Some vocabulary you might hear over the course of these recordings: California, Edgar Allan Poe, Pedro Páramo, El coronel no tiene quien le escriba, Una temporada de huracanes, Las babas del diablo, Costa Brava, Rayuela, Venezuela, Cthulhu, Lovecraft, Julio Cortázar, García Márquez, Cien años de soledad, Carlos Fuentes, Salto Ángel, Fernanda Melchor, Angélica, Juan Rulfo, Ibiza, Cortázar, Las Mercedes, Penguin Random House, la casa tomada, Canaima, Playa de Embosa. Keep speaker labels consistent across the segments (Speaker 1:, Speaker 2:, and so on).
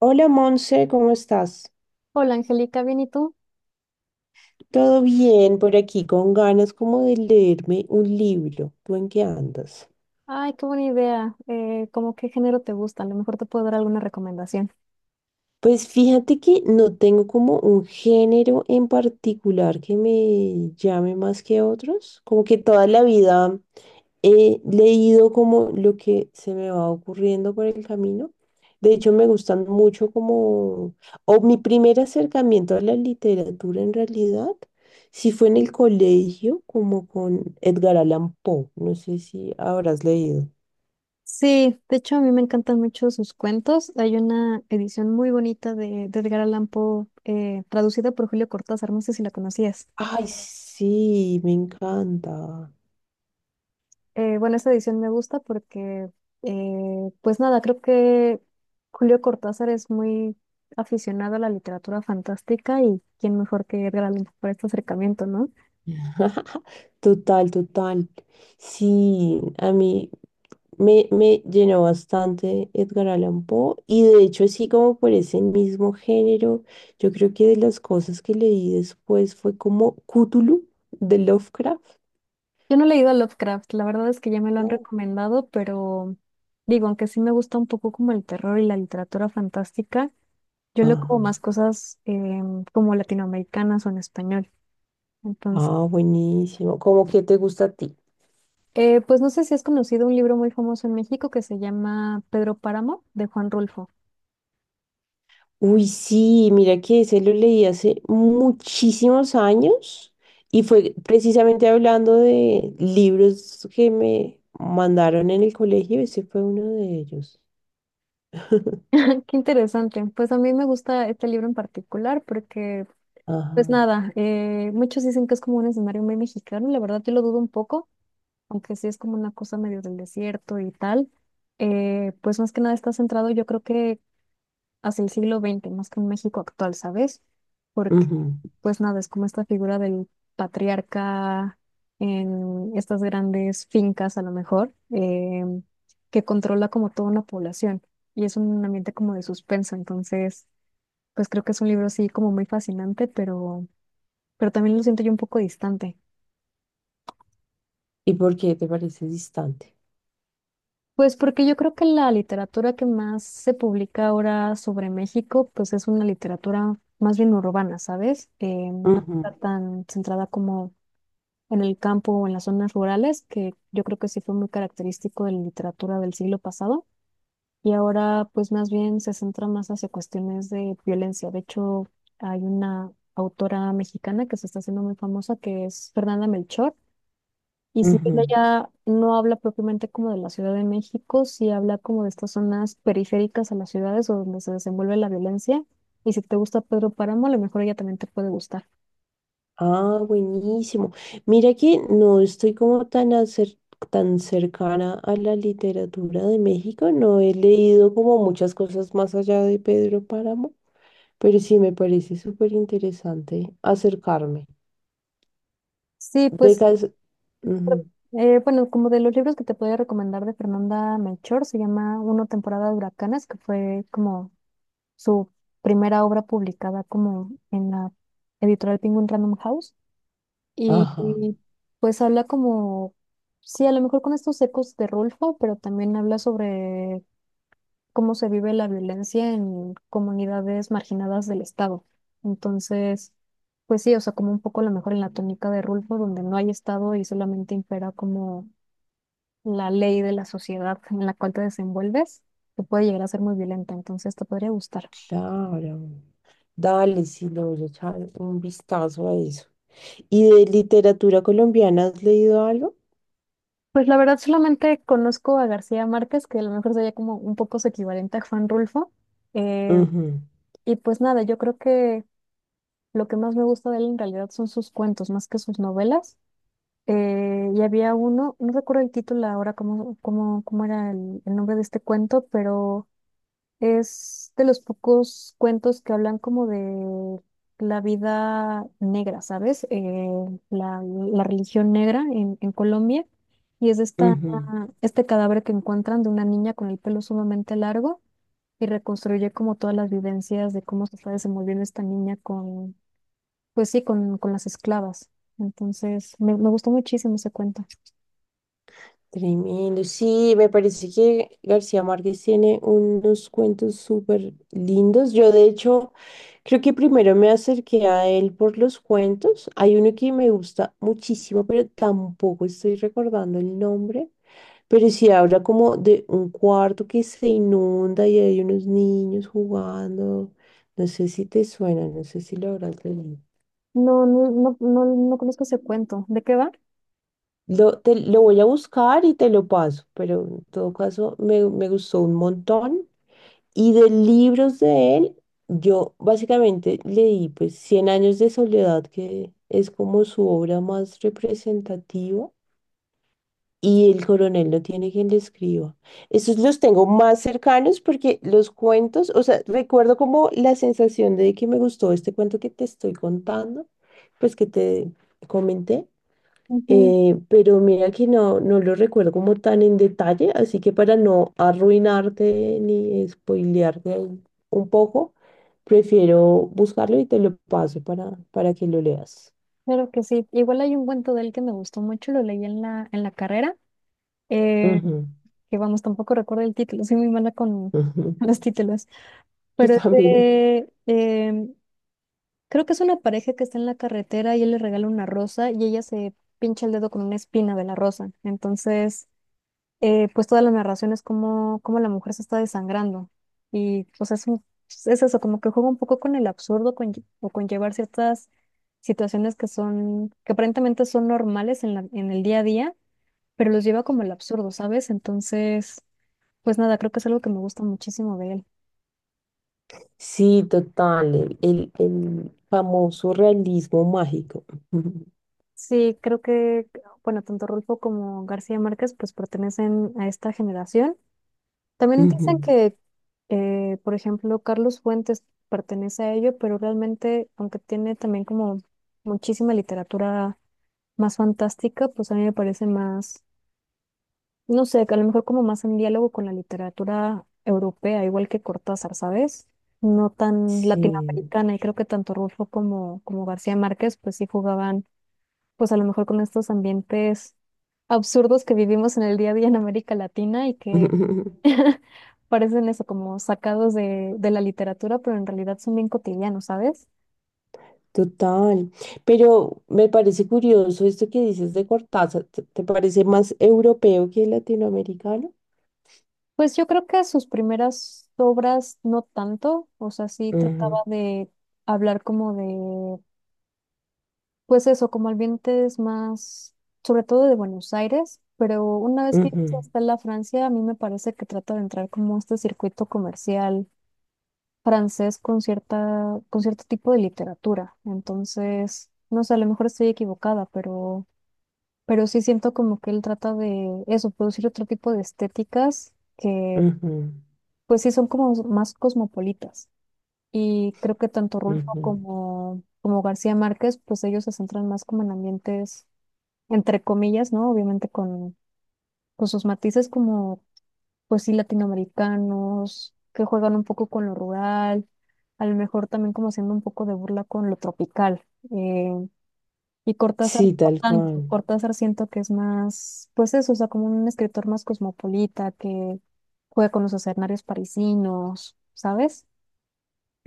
Speaker 1: Hola Monse, ¿cómo estás?
Speaker 2: Hola Angélica, ¿bien y tú?
Speaker 1: Todo bien por aquí, con ganas como de leerme un libro. ¿Tú en qué andas?
Speaker 2: Ay, qué buena idea. ¿Cómo qué género te gusta? A lo mejor te puedo dar alguna recomendación.
Speaker 1: Pues fíjate que no tengo como un género en particular que me llame más que otros. Como que toda la vida he leído como lo que se me va ocurriendo por el camino. De hecho, me gustan mucho como, o mi primer acercamiento a la literatura en realidad, sí fue en el colegio, como con Edgar Allan Poe. No sé si habrás leído.
Speaker 2: Sí, de hecho a mí me encantan mucho sus cuentos. Hay una edición muy bonita de Edgar Allan Poe, traducida por Julio Cortázar, no sé si la conocías.
Speaker 1: Ay, sí, me encanta.
Speaker 2: Bueno, esa edición me gusta porque pues nada, creo que Julio Cortázar es muy aficionado a la literatura fantástica y quién mejor que Edgar Allan Poe para este acercamiento, ¿no?
Speaker 1: Total, total. Sí, a mí me llenó bastante Edgar Allan Poe y de hecho así como por ese mismo género, yo creo que de las cosas que leí después fue como Cthulhu de Lovecraft.
Speaker 2: Yo no he leído a Lovecraft, la verdad es que ya me lo han recomendado, pero digo, aunque sí me gusta un poco como el terror y la literatura fantástica, yo leo como
Speaker 1: Ah,
Speaker 2: más cosas como latinoamericanas o en español. Entonces,
Speaker 1: ah, buenísimo. ¿Cómo que te gusta a ti?
Speaker 2: pues no sé si has conocido un libro muy famoso en México que se llama Pedro Páramo de Juan Rulfo.
Speaker 1: Uy, sí, mira que ese lo leí hace muchísimos años y fue precisamente hablando de libros que me mandaron en el colegio, ese fue uno de ellos.
Speaker 2: Qué interesante, pues a mí me gusta este libro en particular porque pues
Speaker 1: Ajá.
Speaker 2: nada, muchos dicen que es como un escenario muy mexicano, la verdad yo lo dudo un poco. Aunque sí es como una cosa medio del desierto y tal, pues más que nada está centrado yo creo que hacia el siglo XX, más que en México actual, ¿sabes? Porque
Speaker 1: Ujú.
Speaker 2: pues nada, es como esta figura del patriarca en estas grandes fincas a lo mejor, que controla como toda una población y es un ambiente como de suspenso, entonces pues creo que es un libro así como muy fascinante, pero también lo siento yo un poco distante.
Speaker 1: ¿Y por qué te parece distante?
Speaker 2: Pues porque yo creo que la literatura que más se publica ahora sobre México, pues es una literatura más bien urbana, ¿sabes? No
Speaker 1: Ujú.
Speaker 2: está tan centrada como en el campo o en las zonas rurales, que yo creo que sí fue muy característico de la literatura del siglo pasado. Y ahora, pues más bien se centra más hacia cuestiones de violencia. De hecho, hay una autora mexicana que se está haciendo muy famosa, que es Fernanda Melchor y si bien
Speaker 1: Ujú.
Speaker 2: ella no habla propiamente como de la Ciudad de México, sí habla como de estas zonas periféricas a las ciudades o donde se desenvuelve la violencia. Y si te gusta Pedro Páramo, a lo mejor ella también te puede gustar.
Speaker 1: Ah, buenísimo. Mira que no estoy como tan, tan cercana a la literatura de México, no he leído como muchas cosas más allá de Pedro Páramo, pero sí me parece súper interesante acercarme.
Speaker 2: Sí,
Speaker 1: De
Speaker 2: pues,
Speaker 1: cas- Ujú.
Speaker 2: bueno, como de los libros que te podía recomendar de Fernanda Melchor, se llama Una temporada de huracanes, que fue como su primera obra publicada como en la editorial Penguin Random House. Y,
Speaker 1: Ajá,
Speaker 2: y, pues habla como, sí, a lo mejor con estos ecos de Rulfo, pero también habla sobre cómo se vive la violencia en comunidades marginadas del Estado. Entonces, pues sí, o sea, como un poco a lo mejor en la tónica de Rulfo, donde no hay Estado y solamente impera como la ley de la sociedad en la cual te desenvuelves, que puede llegar a ser muy violenta, entonces te podría gustar.
Speaker 1: claro. Dale, sí, le voy a echar un vistazo a eso. ¿Y de literatura colombiana has leído algo?
Speaker 2: Pues la verdad solamente conozco a García Márquez, que a lo mejor sería como un poco su equivalente a Juan Rulfo. eh,
Speaker 1: Ujú,
Speaker 2: Y pues nada, yo creo que lo que más me gusta de él en realidad son sus cuentos, más que sus novelas. Y había uno, no recuerdo el título ahora, cómo era el nombre de este cuento, pero es de los pocos cuentos que hablan como de la vida negra, ¿sabes? La religión negra en Colombia. Y es esta,
Speaker 1: ujú.
Speaker 2: este cadáver que encuentran de una niña con el pelo sumamente largo y reconstruye como todas las vivencias de cómo se está desenvolviendo esta niña con, pues sí, con las esclavas. Entonces, me gustó muchísimo ese cuento.
Speaker 1: Tremendo. Sí, me parece que García Márquez tiene unos cuentos súper lindos. Yo, de hecho, creo que primero me acerqué a él por los cuentos. Hay uno que me gusta muchísimo, pero tampoco estoy recordando el nombre. Pero sí habla como de un cuarto que se inunda y hay unos niños jugando. No sé si te suena, no sé si lo habrás leído.
Speaker 2: No, no conozco ese cuento. ¿De qué va?
Speaker 1: Lo voy a buscar y te lo paso, pero en todo caso me gustó un montón. Y de libros de él, yo básicamente leí pues Cien años de soledad, que es como su obra más representativa, y El coronel no tiene quien le escriba. Esos los tengo más cercanos porque los cuentos, o sea, recuerdo como la sensación de que me gustó este cuento que te estoy contando, pues que te comenté.
Speaker 2: Ujú.
Speaker 1: Pero mira que no lo recuerdo como tan en detalle, así que para no arruinarte ni spoilearte ahí un poco, prefiero buscarlo y te lo paso para que lo leas.
Speaker 2: Claro que sí. Igual hay un cuento de él que me gustó mucho, lo leí en la carrera, eh,
Speaker 1: Ujú,
Speaker 2: que vamos, tampoco recuerdo el título, soy muy mala con
Speaker 1: ujú.
Speaker 2: los títulos,
Speaker 1: Yo
Speaker 2: pero es
Speaker 1: también.
Speaker 2: creo que es una pareja que está en la carretera y él le regala una rosa y ella se pincha el dedo con una espina de la rosa. Entonces, pues toda la narración es como, como la mujer se está desangrando. Y pues es eso, como que juega un poco con el absurdo con, o con llevar ciertas situaciones que son, que aparentemente son normales en el día a día, pero los lleva como el absurdo, ¿sabes? Entonces, pues nada, creo que es algo que me gusta muchísimo de él.
Speaker 1: Sí, total, el famoso realismo mágico. Ujú,
Speaker 2: Sí, creo que, bueno, tanto Rulfo como García Márquez pues pertenecen a esta generación. También
Speaker 1: ujú.
Speaker 2: dicen que, por ejemplo, Carlos Fuentes pertenece a ello, pero realmente, aunque tiene también como muchísima literatura más fantástica, pues a mí me parece más, no sé, que a lo mejor como más en diálogo con la literatura europea, igual que Cortázar, ¿sabes? No tan
Speaker 1: Sí.
Speaker 2: latinoamericana, y creo que tanto Rulfo como García Márquez pues sí jugaban pues a lo mejor con estos ambientes absurdos que vivimos en el día a día en América Latina y que parecen eso como sacados de la literatura, pero en realidad son bien cotidianos, ¿sabes?
Speaker 1: Total, pero me parece curioso esto que dices de Cortázar, te parece más europeo que latinoamericano?
Speaker 2: Pues yo creo que sus primeras obras no tanto, o sea, sí trataba
Speaker 1: Ujú,
Speaker 2: de hablar como de, pues eso, como ambientes más, sobre todo de Buenos Aires, pero una vez que llegas
Speaker 1: ujú,
Speaker 2: hasta la Francia, a mí me parece que trata de entrar como a este circuito comercial francés con cierta, con cierto tipo de literatura. Entonces, no sé, a lo mejor estoy equivocada, pero sí siento como que él trata de eso, producir otro tipo de estéticas que
Speaker 1: ujú,
Speaker 2: pues sí son como más cosmopolitas. Y creo que tanto Rulfo
Speaker 1: ujú.
Speaker 2: como García Márquez, pues ellos se centran más como en ambientes, entre comillas, ¿no? Obviamente con sus matices como pues sí, latinoamericanos, que juegan un poco con lo rural, a lo mejor también como haciendo un poco de burla con lo tropical. eh, y Cortázar,
Speaker 1: Sí, tal cual.
Speaker 2: Cortázar siento que es más, pues eso, o sea, como un escritor más cosmopolita que juega con los escenarios parisinos, ¿sabes?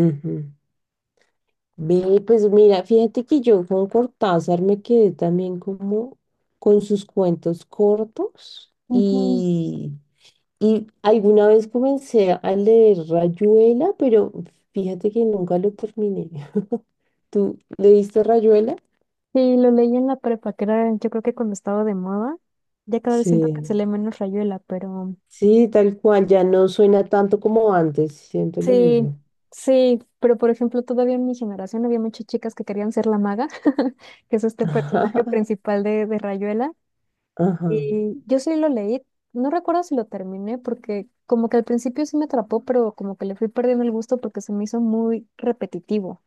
Speaker 1: Ujú. Ve, pues mira, fíjate que yo con Cortázar me quedé también como con sus cuentos cortos
Speaker 2: Ujú.
Speaker 1: y alguna vez comencé a leer Rayuela, pero fíjate que nunca lo terminé. ¿Tú leíste Rayuela?
Speaker 2: Sí, lo leí en la prepa, que era yo creo que cuando estaba de moda, ya cada vez siento que se
Speaker 1: Sí,
Speaker 2: lee menos Rayuela, pero
Speaker 1: sí, tal cual, ya no suena tanto como antes, siento lo
Speaker 2: sí,
Speaker 1: mismo.
Speaker 2: sí, pero por ejemplo, todavía en mi generación había muchas chicas que querían ser la maga, que es este personaje principal de Rayuela.
Speaker 1: Ajá,
Speaker 2: Y yo sí lo leí, no recuerdo si lo terminé, porque como que al principio sí me atrapó, pero como que le fui perdiendo el gusto porque se me hizo muy repetitivo.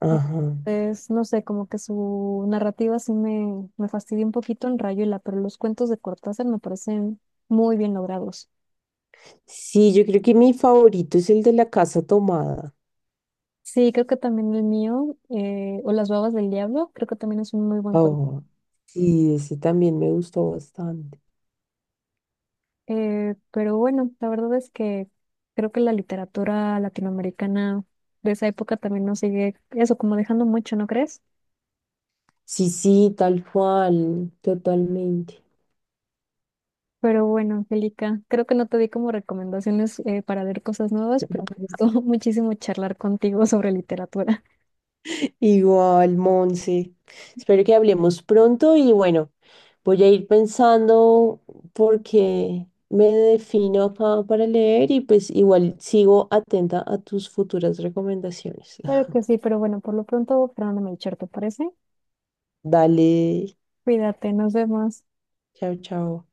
Speaker 1: ajá.
Speaker 2: Entonces, no sé, como que su narrativa sí me fastidió un poquito en Rayuela, pero los cuentos de Cortázar me parecen muy bien logrados.
Speaker 1: Sí, yo creo que mi favorito es el de la casa tomada.
Speaker 2: Sí, creo que también el mío, o Las babas del diablo, creo que también es un muy buen cuento.
Speaker 1: Oh, sí, ese también me gustó bastante.
Speaker 2: Pero bueno, la verdad es que creo que la literatura latinoamericana de esa época también nos sigue eso, como dejando mucho, ¿no crees?
Speaker 1: Sí, sí, tal cual, totalmente.
Speaker 2: Pero bueno, Angélica, creo que no te di como recomendaciones para leer cosas nuevas, pero me gustó muchísimo charlar contigo sobre literatura.
Speaker 1: Igual, Monse. Espero que hablemos pronto y bueno, voy a ir pensando porque me defino acá para leer y pues igual sigo atenta a tus futuras recomendaciones.
Speaker 2: Claro que sí, pero bueno, por lo pronto, Fernanda Melchor, ¿te parece?
Speaker 1: Dale,
Speaker 2: Cuídate, nos vemos.
Speaker 1: chao, chao.